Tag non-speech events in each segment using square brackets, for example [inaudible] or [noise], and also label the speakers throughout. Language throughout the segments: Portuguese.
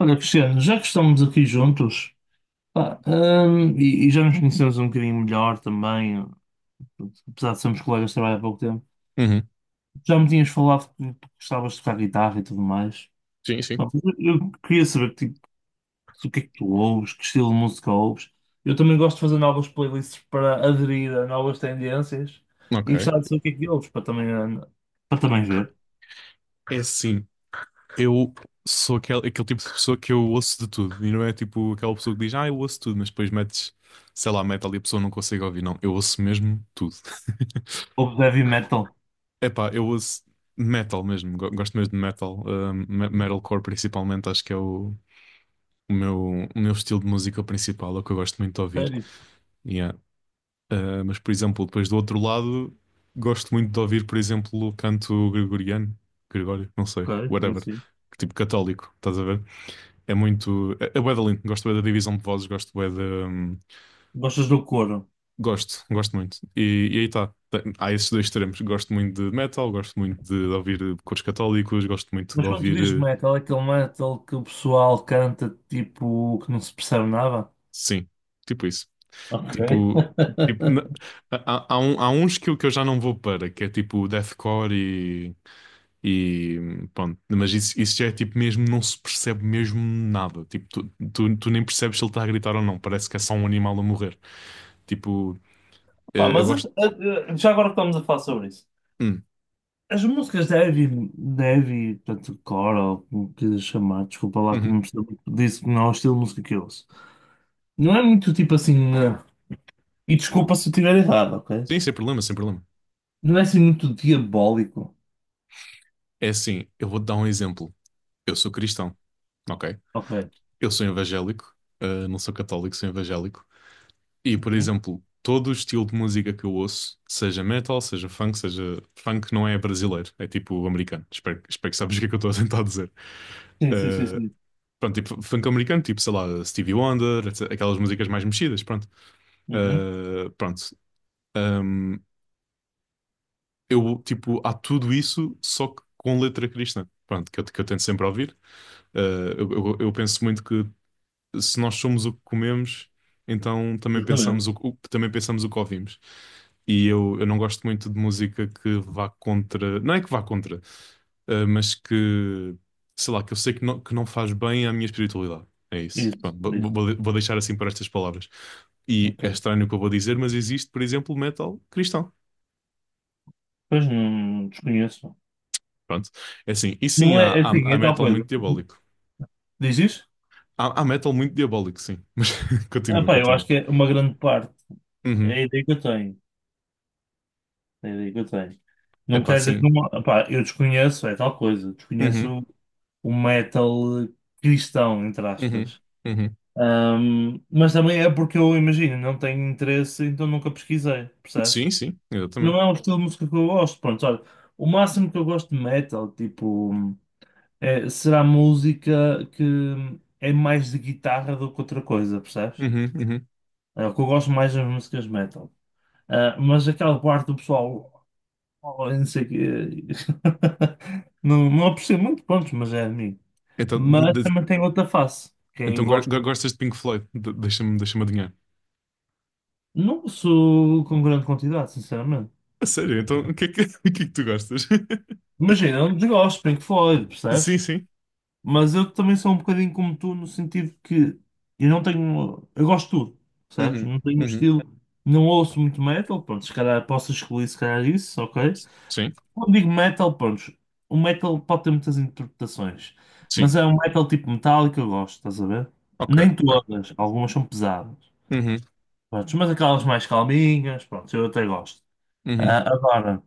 Speaker 1: Olha, Cristiano, já que estamos aqui juntos, pá, e já nos conhecemos um bocadinho melhor também, apesar de sermos colegas de trabalho há pouco tempo,
Speaker 2: Uhum.
Speaker 1: já me tinhas falado que gostavas de tocar guitarra e tudo mais.
Speaker 2: Sim, sim.
Speaker 1: Pá, mas eu queria saber que tipo, o que é que tu ouves, que estilo de música ouves. Eu também gosto de fazer novas playlists para aderir a novas tendências
Speaker 2: Ok.
Speaker 1: e gostava de saber o que é que ouves para também, para também ver.
Speaker 2: É assim, eu sou aquele, aquele tipo de pessoa que eu ouço de tudo. E não é tipo aquela pessoa que diz, ah, eu ouço tudo, mas depois metes, sei lá, metal e a pessoa não consegue ouvir. Não, eu ouço mesmo tudo. [laughs]
Speaker 1: Ouves heavy metal?
Speaker 2: Epá, eu ouço metal mesmo. Gosto mesmo de metal. Metalcore principalmente, acho que é o, o meu, o meu estilo de música principal, é o que eu gosto muito de ouvir.
Speaker 1: Sério?
Speaker 2: Ah, mas, por exemplo, depois do outro lado, gosto muito de ouvir, por exemplo, o canto gregoriano, Gregório, não sei,
Speaker 1: Ok, sim,
Speaker 2: whatever,
Speaker 1: sim.
Speaker 2: tipo católico, estás a ver? É muito. É, é bué da lindo, gosto bué da divisão de vozes, gosto bué da.
Speaker 1: Gostas do Coro?
Speaker 2: Gosto, gosto muito. E aí está. Há esses dois extremos. Gosto muito de metal, gosto muito de ouvir cores católicos, gosto muito de
Speaker 1: Mas quando tu dizes
Speaker 2: ouvir. Eh,
Speaker 1: metal, é aquele metal que o pessoal canta tipo que não se percebe nada.
Speaker 2: Sim, tipo isso.
Speaker 1: Ok.
Speaker 2: Tipo. Tipo, na- Há, há há uns que eu já não vou para, que é tipo deathcore. E pronto, mas isso já é tipo mesmo, não se percebe mesmo nada. Tipo, tu nem percebes se ele está a gritar ou não. Parece que é só um animal a morrer. Tipo,
Speaker 1: Pá,
Speaker 2: eu
Speaker 1: mas
Speaker 2: gosto.
Speaker 1: já agora que estamos a falar sobre isso.
Speaker 2: Hum,
Speaker 1: As músicas de heavy, portanto, core, ou como quiser chamar, desculpa lá que
Speaker 2: uhum.
Speaker 1: não percebo muito disso, que não é o estilo de música que eu ouço. Não é muito tipo assim, e desculpa se eu tiver errado, ok?
Speaker 2: Sim, sem problema, sem problema.
Speaker 1: Não é assim muito diabólico.
Speaker 2: É assim, eu vou-te dar um exemplo. Eu sou cristão, ok?
Speaker 1: Ok.
Speaker 2: Eu sou evangélico, não sou católico, sou evangélico. E, por
Speaker 1: Uhum.
Speaker 2: exemplo, todo o estilo de música que eu ouço, seja metal, seja. Funk não é brasileiro, é tipo americano. Espero que sabes o que é que eu estou a tentar dizer.
Speaker 1: Sim, sim, sim,
Speaker 2: Eh,
Speaker 1: sim.
Speaker 2: Pronto, tipo funk americano, tipo, sei lá, Stevie Wonder, etc, aquelas músicas mais mexidas, pronto.
Speaker 1: Uhum.
Speaker 2: Ah, pronto. Ahm, eu, tipo, há tudo isso, só que com letra cristã, pronto, que eu tento sempre ouvir. Ah, eu penso muito que se nós somos o que comemos, então também pensamos
Speaker 1: Exatamente.
Speaker 2: o, também pensamos o que ouvimos. E eu não gosto muito de música que vá contra. Não é que vá contra. Mas que, sei lá, que eu sei que não faz bem à minha espiritualidade. É isso.
Speaker 1: Isso,
Speaker 2: Pronto, vou,
Speaker 1: isso.
Speaker 2: vou deixar assim para estas palavras. E é
Speaker 1: Ok.
Speaker 2: estranho o que eu vou dizer, mas existe, por exemplo, metal cristão.
Speaker 1: Pois não desconheço.
Speaker 2: Pronto. É assim. E sim,
Speaker 1: Não
Speaker 2: há,
Speaker 1: é, é assim,
Speaker 2: há
Speaker 1: é tal
Speaker 2: metal
Speaker 1: coisa.
Speaker 2: muito diabólico.
Speaker 1: Diz isso?
Speaker 2: Há, há metal muito diabólico, sim. [laughs]
Speaker 1: Ah,
Speaker 2: Continua,
Speaker 1: pá, eu
Speaker 2: continua.
Speaker 1: acho que é uma grande parte. É
Speaker 2: Uhum.
Speaker 1: a ideia que eu tenho. É a ideia que eu tenho. Não
Speaker 2: Epá,
Speaker 1: quer dizer
Speaker 2: sim.
Speaker 1: que não. Pá, eu desconheço, é tal coisa.
Speaker 2: Uhum,
Speaker 1: Desconheço o metal cristão, entre
Speaker 2: uhum,
Speaker 1: aspas.
Speaker 2: uhum.
Speaker 1: Mas também é porque eu imagino, não tenho interesse, então nunca pesquisei,
Speaker 2: Sim,
Speaker 1: percebes?
Speaker 2: sim, exatamente.
Speaker 1: Não é um estilo de música que eu gosto. Pronto, olha, o máximo que eu gosto de metal, tipo, será música que é mais de guitarra do que outra coisa, percebes?
Speaker 2: Uhum, uhum.
Speaker 1: É, o que eu gosto mais das músicas metal. Ah, mas aquela parte do pessoal, oh, não sei o quê, [laughs] não, não aprecio muito, pronto, mas é de mim.
Speaker 2: Então, de-
Speaker 1: Mas
Speaker 2: de-
Speaker 1: também tem outra face, que é,
Speaker 2: então
Speaker 1: eu gosto.
Speaker 2: gostas de Pink Floyd? Deixa-me, deixa-me adivinhar.
Speaker 1: Não sou com grande quantidade, sinceramente.
Speaker 2: A sério, então o que é que, [laughs] o que é que tu gostas? [laughs]
Speaker 1: Imagina, eu não desgosto, Pink Floyd,
Speaker 2: Sim,
Speaker 1: percebes?
Speaker 2: sim.
Speaker 1: Mas eu também sou um bocadinho como tu, no sentido que eu não tenho. Eu gosto de tudo, percebes?
Speaker 2: Uhum,
Speaker 1: Não tenho um
Speaker 2: uhum.
Speaker 1: estilo. Não ouço muito metal, pronto, se calhar posso excluir, se calhar isso, ok?
Speaker 2: Sim,
Speaker 1: Quando digo metal, pronto, o metal pode ter muitas interpretações, mas
Speaker 2: sim.
Speaker 1: é um metal tipo metálico que eu gosto, estás a ver?
Speaker 2: Ok,
Speaker 1: Nem
Speaker 2: ok.
Speaker 1: todas, algumas são pesadas,
Speaker 2: Uhum,
Speaker 1: pronto, mas aquelas mais calminhas, pronto, eu até gosto. Ah,
Speaker 2: uhum,
Speaker 1: agora,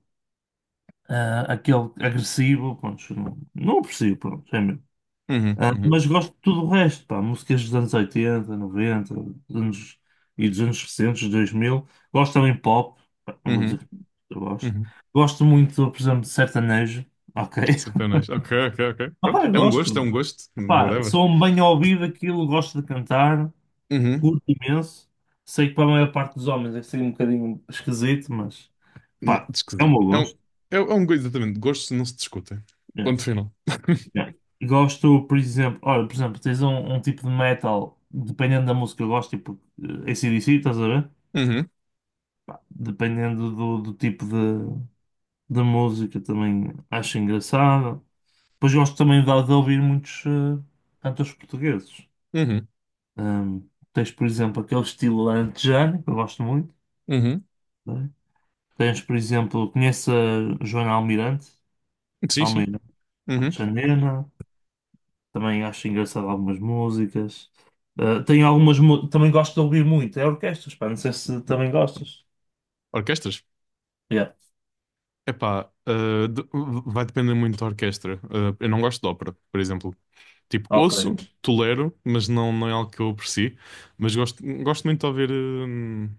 Speaker 1: ah, aquele agressivo, pronto, não, não aprecio, pronto, é mesmo.
Speaker 2: uhum,
Speaker 1: Ah,
Speaker 2: uhum,
Speaker 1: mas gosto de tudo o resto, pá, músicas dos anos 80, 90, dos anos, e dos anos recentes, 2000. Gosto também de pop, pá, não vou dizer
Speaker 2: uhum,
Speaker 1: que eu gosto.
Speaker 2: uhum.
Speaker 1: Gosto muito, por exemplo, de sertanejo, ok?
Speaker 2: Satanás. Ok, ok, ok.
Speaker 1: Ah,
Speaker 2: Pronto.
Speaker 1: pá, eu
Speaker 2: É um gosto, é um
Speaker 1: gosto.
Speaker 2: gosto.
Speaker 1: Pá,
Speaker 2: Whatever.
Speaker 1: sou um bem ouvido aquilo, gosto de cantar,
Speaker 2: Uhum.
Speaker 1: curto imenso. Sei que para a maior parte dos homens é ser um bocadinho esquisito, mas
Speaker 2: Não,
Speaker 1: pá, é o
Speaker 2: esquisito.
Speaker 1: meu gosto.
Speaker 2: É, é um gosto, exatamente. Gostos não se discutem.
Speaker 1: É,
Speaker 2: Ponto final. [laughs]
Speaker 1: é. Gosto, por exemplo, olha, por exemplo, tens um tipo de metal, dependendo da música, eu gosto, tipo AC/DC, estás a ver?
Speaker 2: Uhum,
Speaker 1: Pá, dependendo do tipo de música, também acho engraçado. Depois gosto também de ouvir muitos cantores portugueses.
Speaker 2: uhum,
Speaker 1: Tens, por exemplo, aquele estilo alentejano, que eu gosto muito,
Speaker 2: uhum.
Speaker 1: né? Tens, por exemplo, conheço a Joana Almirante,
Speaker 2: Sim, sim.
Speaker 1: Almeida
Speaker 2: Uhum.
Speaker 1: Alexandrina, também acho engraçado algumas músicas. Ah, tenho algumas, também gosto de ouvir muito, é orquestras, pá, não sei se também gostas.
Speaker 2: Orquestras?
Speaker 1: Yeah,
Speaker 2: Epá, vai depender muito da orquestra. Ah, eu não gosto de ópera, por exemplo. Tipo,
Speaker 1: ok.
Speaker 2: ouço, tolero, mas não, não é algo que eu aprecie. Mas gosto, gosto muito de ouvir hum,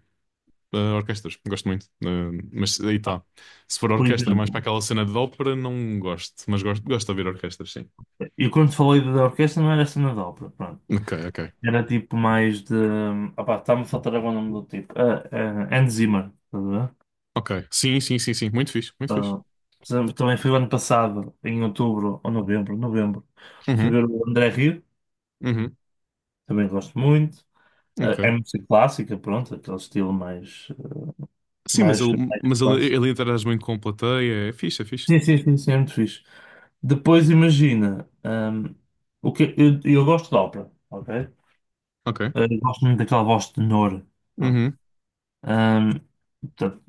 Speaker 2: ah, orquestras, gosto muito. Ah, mas aí está. Se for
Speaker 1: Por
Speaker 2: orquestra mais para
Speaker 1: exemplo,
Speaker 2: aquela cena de ópera, não gosto. Mas gosto, gosto de ouvir orquestras, sim.
Speaker 1: eu quando falei da orquestra não era cena de ópera, pronto.
Speaker 2: Ok, ok.
Speaker 1: Era tipo mais de. Opá, está-me a faltar agora o nome do tipo. Ah, Hans Zimmer, estás a ver?
Speaker 2: Ok. Sim, sim, sim, sim. Muito fixe, muito fixe.
Speaker 1: Ah, por exemplo, também fui o ano passado, em outubro ou novembro, novembro, fui
Speaker 2: Uhum,
Speaker 1: ver o André Rio,
Speaker 2: uhum,
Speaker 1: também gosto muito. Ah, é
Speaker 2: ok.
Speaker 1: música clássica, pronto, aquele estilo mais,
Speaker 2: Sim, mas
Speaker 1: mais,
Speaker 2: ele,
Speaker 1: mais clássico.
Speaker 2: ele interage muito com a plateia. É fixe, é fixe.
Speaker 1: Sim, sim, sim, sim, é muito fixe. Depois imagina, o que, eu gosto de ópera, ok?
Speaker 2: Ok.
Speaker 1: Ah, eu gosto muito daquela voz de tenor. Pronto.
Speaker 2: Uhum,
Speaker 1: Ahm, portanto,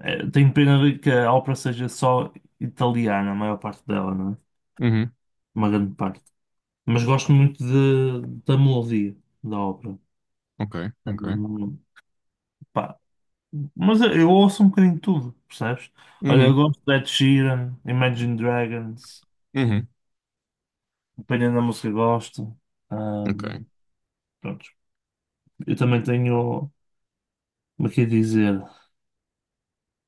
Speaker 1: eh, tenho pena de que a ópera seja só italiana, a maior parte dela, não é?
Speaker 2: uhum,
Speaker 1: Uma grande parte. Mas gosto muito de, da melodia da ópera.
Speaker 2: ok, ok.
Speaker 1: Hum, pá. Mas eu ouço um bocadinho de tudo, percebes? Olha, eu
Speaker 2: Uhum,
Speaker 1: gosto de Ed Sheeran, Imagine Dragons,
Speaker 2: uhum,
Speaker 1: dependendo da música gosto.
Speaker 2: ok.
Speaker 1: Hum, pronto. Eu também tenho, como é que é dizer?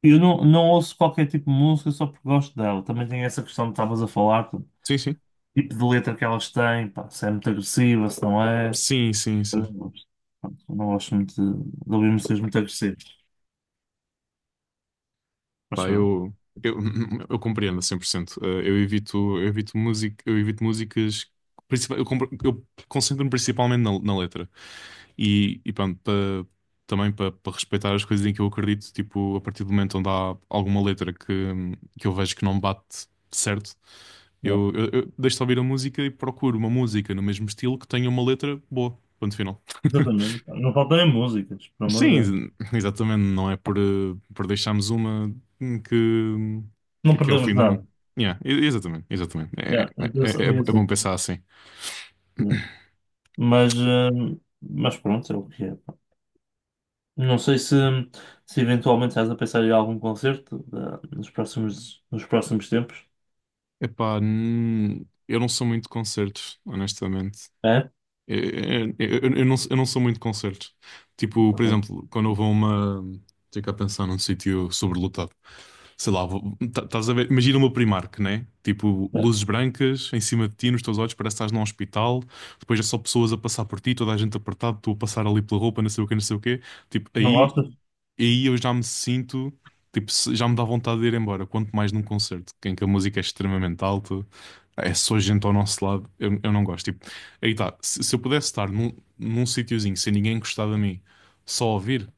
Speaker 1: Eu não, não ouço qualquer tipo de música só porque gosto dela. Também tem essa questão que estavas a falar, do
Speaker 2: Sim, sim.
Speaker 1: tipo de letra que elas têm, pá, se é muito agressiva, se não é.
Speaker 2: Sim, sim,
Speaker 1: Eu não
Speaker 2: sim.
Speaker 1: gosto. Pronto, eu não gosto muito de ouvir músicas muito agressivas. Mas
Speaker 2: Pá,
Speaker 1: pronto.
Speaker 2: eu, eu, [laughs] eu compreendo a 100%. Eu evito, eu evito música, eu evito músicas, eu, eu concentro-me principalmente na, na letra. E pronto, também para respeitar as coisas em que eu acredito, tipo, a partir do momento onde há alguma letra que eu vejo que não bate certo,
Speaker 1: Yeah.
Speaker 2: eu, eu deixo de ouvir a música e procuro uma música no mesmo estilo que tenha uma letra boa. Ponto final. [laughs]
Speaker 1: Exatamente, pá. Não faltam é músicas, pelo amor de Deus.
Speaker 2: Sim, exatamente. Não é por, por deixarmos uma hum, que,
Speaker 1: Não
Speaker 2: que é o
Speaker 1: perdemos
Speaker 2: fim do
Speaker 1: nada.
Speaker 2: mundo. Yeah, exatamente, exatamente.
Speaker 1: Yeah.
Speaker 2: É, é,
Speaker 1: eu
Speaker 2: é,
Speaker 1: penso-
Speaker 2: é é
Speaker 1: eu ia dizer,
Speaker 2: bom pensar assim.
Speaker 1: yeah. Mas, pronto, é o que é. Não sei se eventualmente estás a pensar em algum concerto nos próximos tempos.
Speaker 2: Epá, eu não sou muito de concertos, honestamente.
Speaker 1: É?
Speaker 2: Eu, não, eu não sou muito de concertos. Tipo, por
Speaker 1: Ok.
Speaker 2: exemplo, quando eu vou a uma. Tenho que pensar num sítio sobrelotado. Sei lá, estás a ver? Imagina uma Primark, né? Tipo,
Speaker 1: É.
Speaker 2: luzes brancas em cima de ti, nos teus olhos, parece que estás num hospital. Depois é só pessoas a passar por ti, toda a gente apertada, tu a passar ali pela roupa, não sei o quê, não sei o quê. Tipo,
Speaker 1: Não
Speaker 2: aí
Speaker 1: gostas?
Speaker 2: e aí eu já me sinto, tipo, já me dá vontade de ir embora, quanto mais num concerto, em que a música é extremamente alta, é só gente ao nosso lado, eu não gosto. Tipo, aí tá, se eu pudesse estar num, num sítiozinho sem ninguém encostar a mim, só ouvir,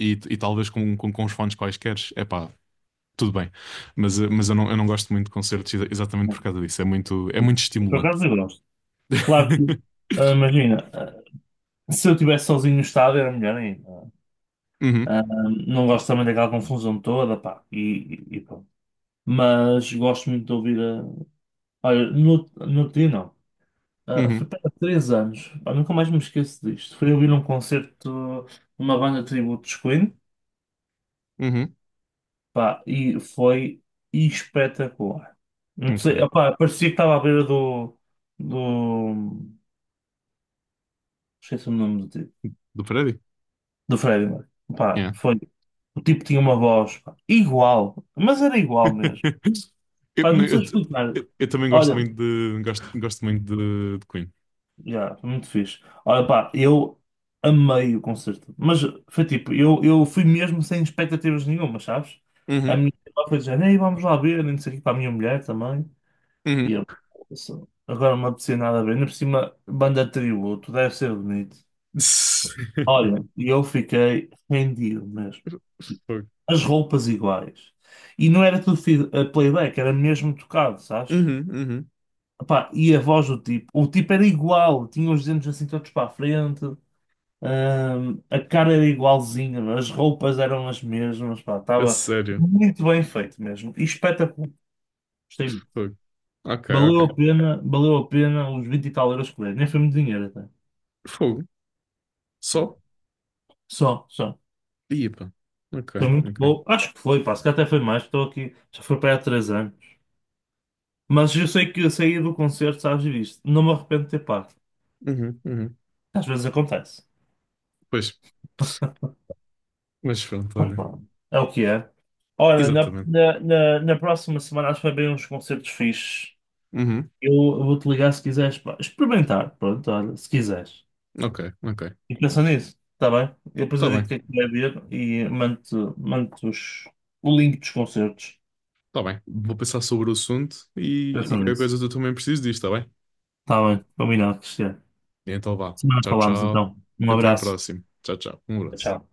Speaker 2: e talvez com, com os fones quaisquer, é pá, tudo bem. Mas, mas eu não gosto muito de concertos exatamente
Speaker 1: É.
Speaker 2: por causa disso, é muito
Speaker 1: Por
Speaker 2: estimulante.
Speaker 1: acaso eu gosto. Claro que,
Speaker 2: [laughs]
Speaker 1: imagina, se eu estivesse sozinho no estádio era melhor ainda.
Speaker 2: Uhum,
Speaker 1: Ah, não gosto também daquela confusão toda, pá. E pronto. Mas gosto muito de ouvir a. Olha, no outro dia não. Ah, foi
Speaker 2: uhum,
Speaker 1: para 3 anos. Pá, nunca mais me esqueço disto. Fui ouvir um concerto de uma banda de tributo dos Queen.
Speaker 2: uhum,
Speaker 1: Pá, e foi espetacular. Não sei,
Speaker 2: ok.
Speaker 1: opá, parecia que estava à beira do. Do. Esqueci o nome do tipo.
Speaker 2: Do prédio?
Speaker 1: Do Freddie Mercury. Pá, foi. O tipo tinha uma voz, pá, igual, mas era igual mesmo.
Speaker 2: [laughs] Eu,
Speaker 1: Pá,
Speaker 2: não,
Speaker 1: não sei explicar.
Speaker 2: eu também gosto
Speaker 1: Olha,
Speaker 2: muito de gosto, gosto muito de Queen.
Speaker 1: já, foi muito fixe. Olha, pá, eu amei o concerto. Mas foi tipo, eu fui mesmo sem expectativas nenhuma, sabes? A
Speaker 2: Uhum,
Speaker 1: minha irmã foi dizendo: "Ei, vamos lá ver, nem sei o que para a minha mulher também. E
Speaker 2: uhum,
Speaker 1: eu: "Nossa, agora não me apetecia nada a ver. Ainda por cima, banda de tributo, deve ser bonito."
Speaker 2: [laughs]
Speaker 1: Olha, e eu fiquei rendido mesmo.
Speaker 2: Fogo.
Speaker 1: As roupas iguais. E não era tudo playback, era mesmo tocado, sabes?
Speaker 2: Uhum, uhum.
Speaker 1: Epá, e a voz do tipo, o tipo era igual, tinha os dentes assim todos para a frente. A cara era igualzinha, as roupas eram as mesmas, pá,
Speaker 2: A
Speaker 1: estava
Speaker 2: sério.
Speaker 1: muito bem feito mesmo. E espetacular, gostei muito.
Speaker 2: Fogo. Ok, ok.
Speaker 1: Valeu a pena os 20 e tal euros que dei. Nem foi muito dinheiro até.
Speaker 2: Fogo. Só?
Speaker 1: Só, só.
Speaker 2: Ia, pá. Ok,
Speaker 1: Foi muito
Speaker 2: ok.
Speaker 1: bom. Acho que foi, pá, se calhar até foi mais, estou aqui, já foi para aí há 3 anos. Mas eu sei que eu saí do concerto, sabes disto. Não me arrependo de ter pago.
Speaker 2: Uhum, uhum.
Speaker 1: Às vezes acontece.
Speaker 2: Pois, mas pronto,
Speaker 1: Mas
Speaker 2: olha.
Speaker 1: pronto, é o que é. Ora, na,
Speaker 2: Exatamente.
Speaker 1: na, na, na próxima semana acho que vai haver uns concertos fixes.
Speaker 2: Uhum.
Speaker 1: Eu vou-te ligar se quiseres, pá. Experimentar, pronto, olha, se quiseres.
Speaker 2: Ok, ok.
Speaker 1: E pensa nisso, está bem? Eu depois
Speaker 2: Tá
Speaker 1: eu digo o
Speaker 2: bem,
Speaker 1: que é que vai ver e mando-te o link dos concertos.
Speaker 2: tá bem. Vou pensar sobre o assunto
Speaker 1: Pensa
Speaker 2: e qualquer
Speaker 1: nisso.
Speaker 2: coisa eu também preciso disto, tá bem?
Speaker 1: Está bem, combinado, Cristiano.
Speaker 2: Então vá.
Speaker 1: Semana
Speaker 2: Tchau,
Speaker 1: falamos
Speaker 2: tchau.
Speaker 1: então. Um
Speaker 2: Até à
Speaker 1: abraço.
Speaker 2: próxima. Tchau, tchau. Um abraço.
Speaker 1: Tchau.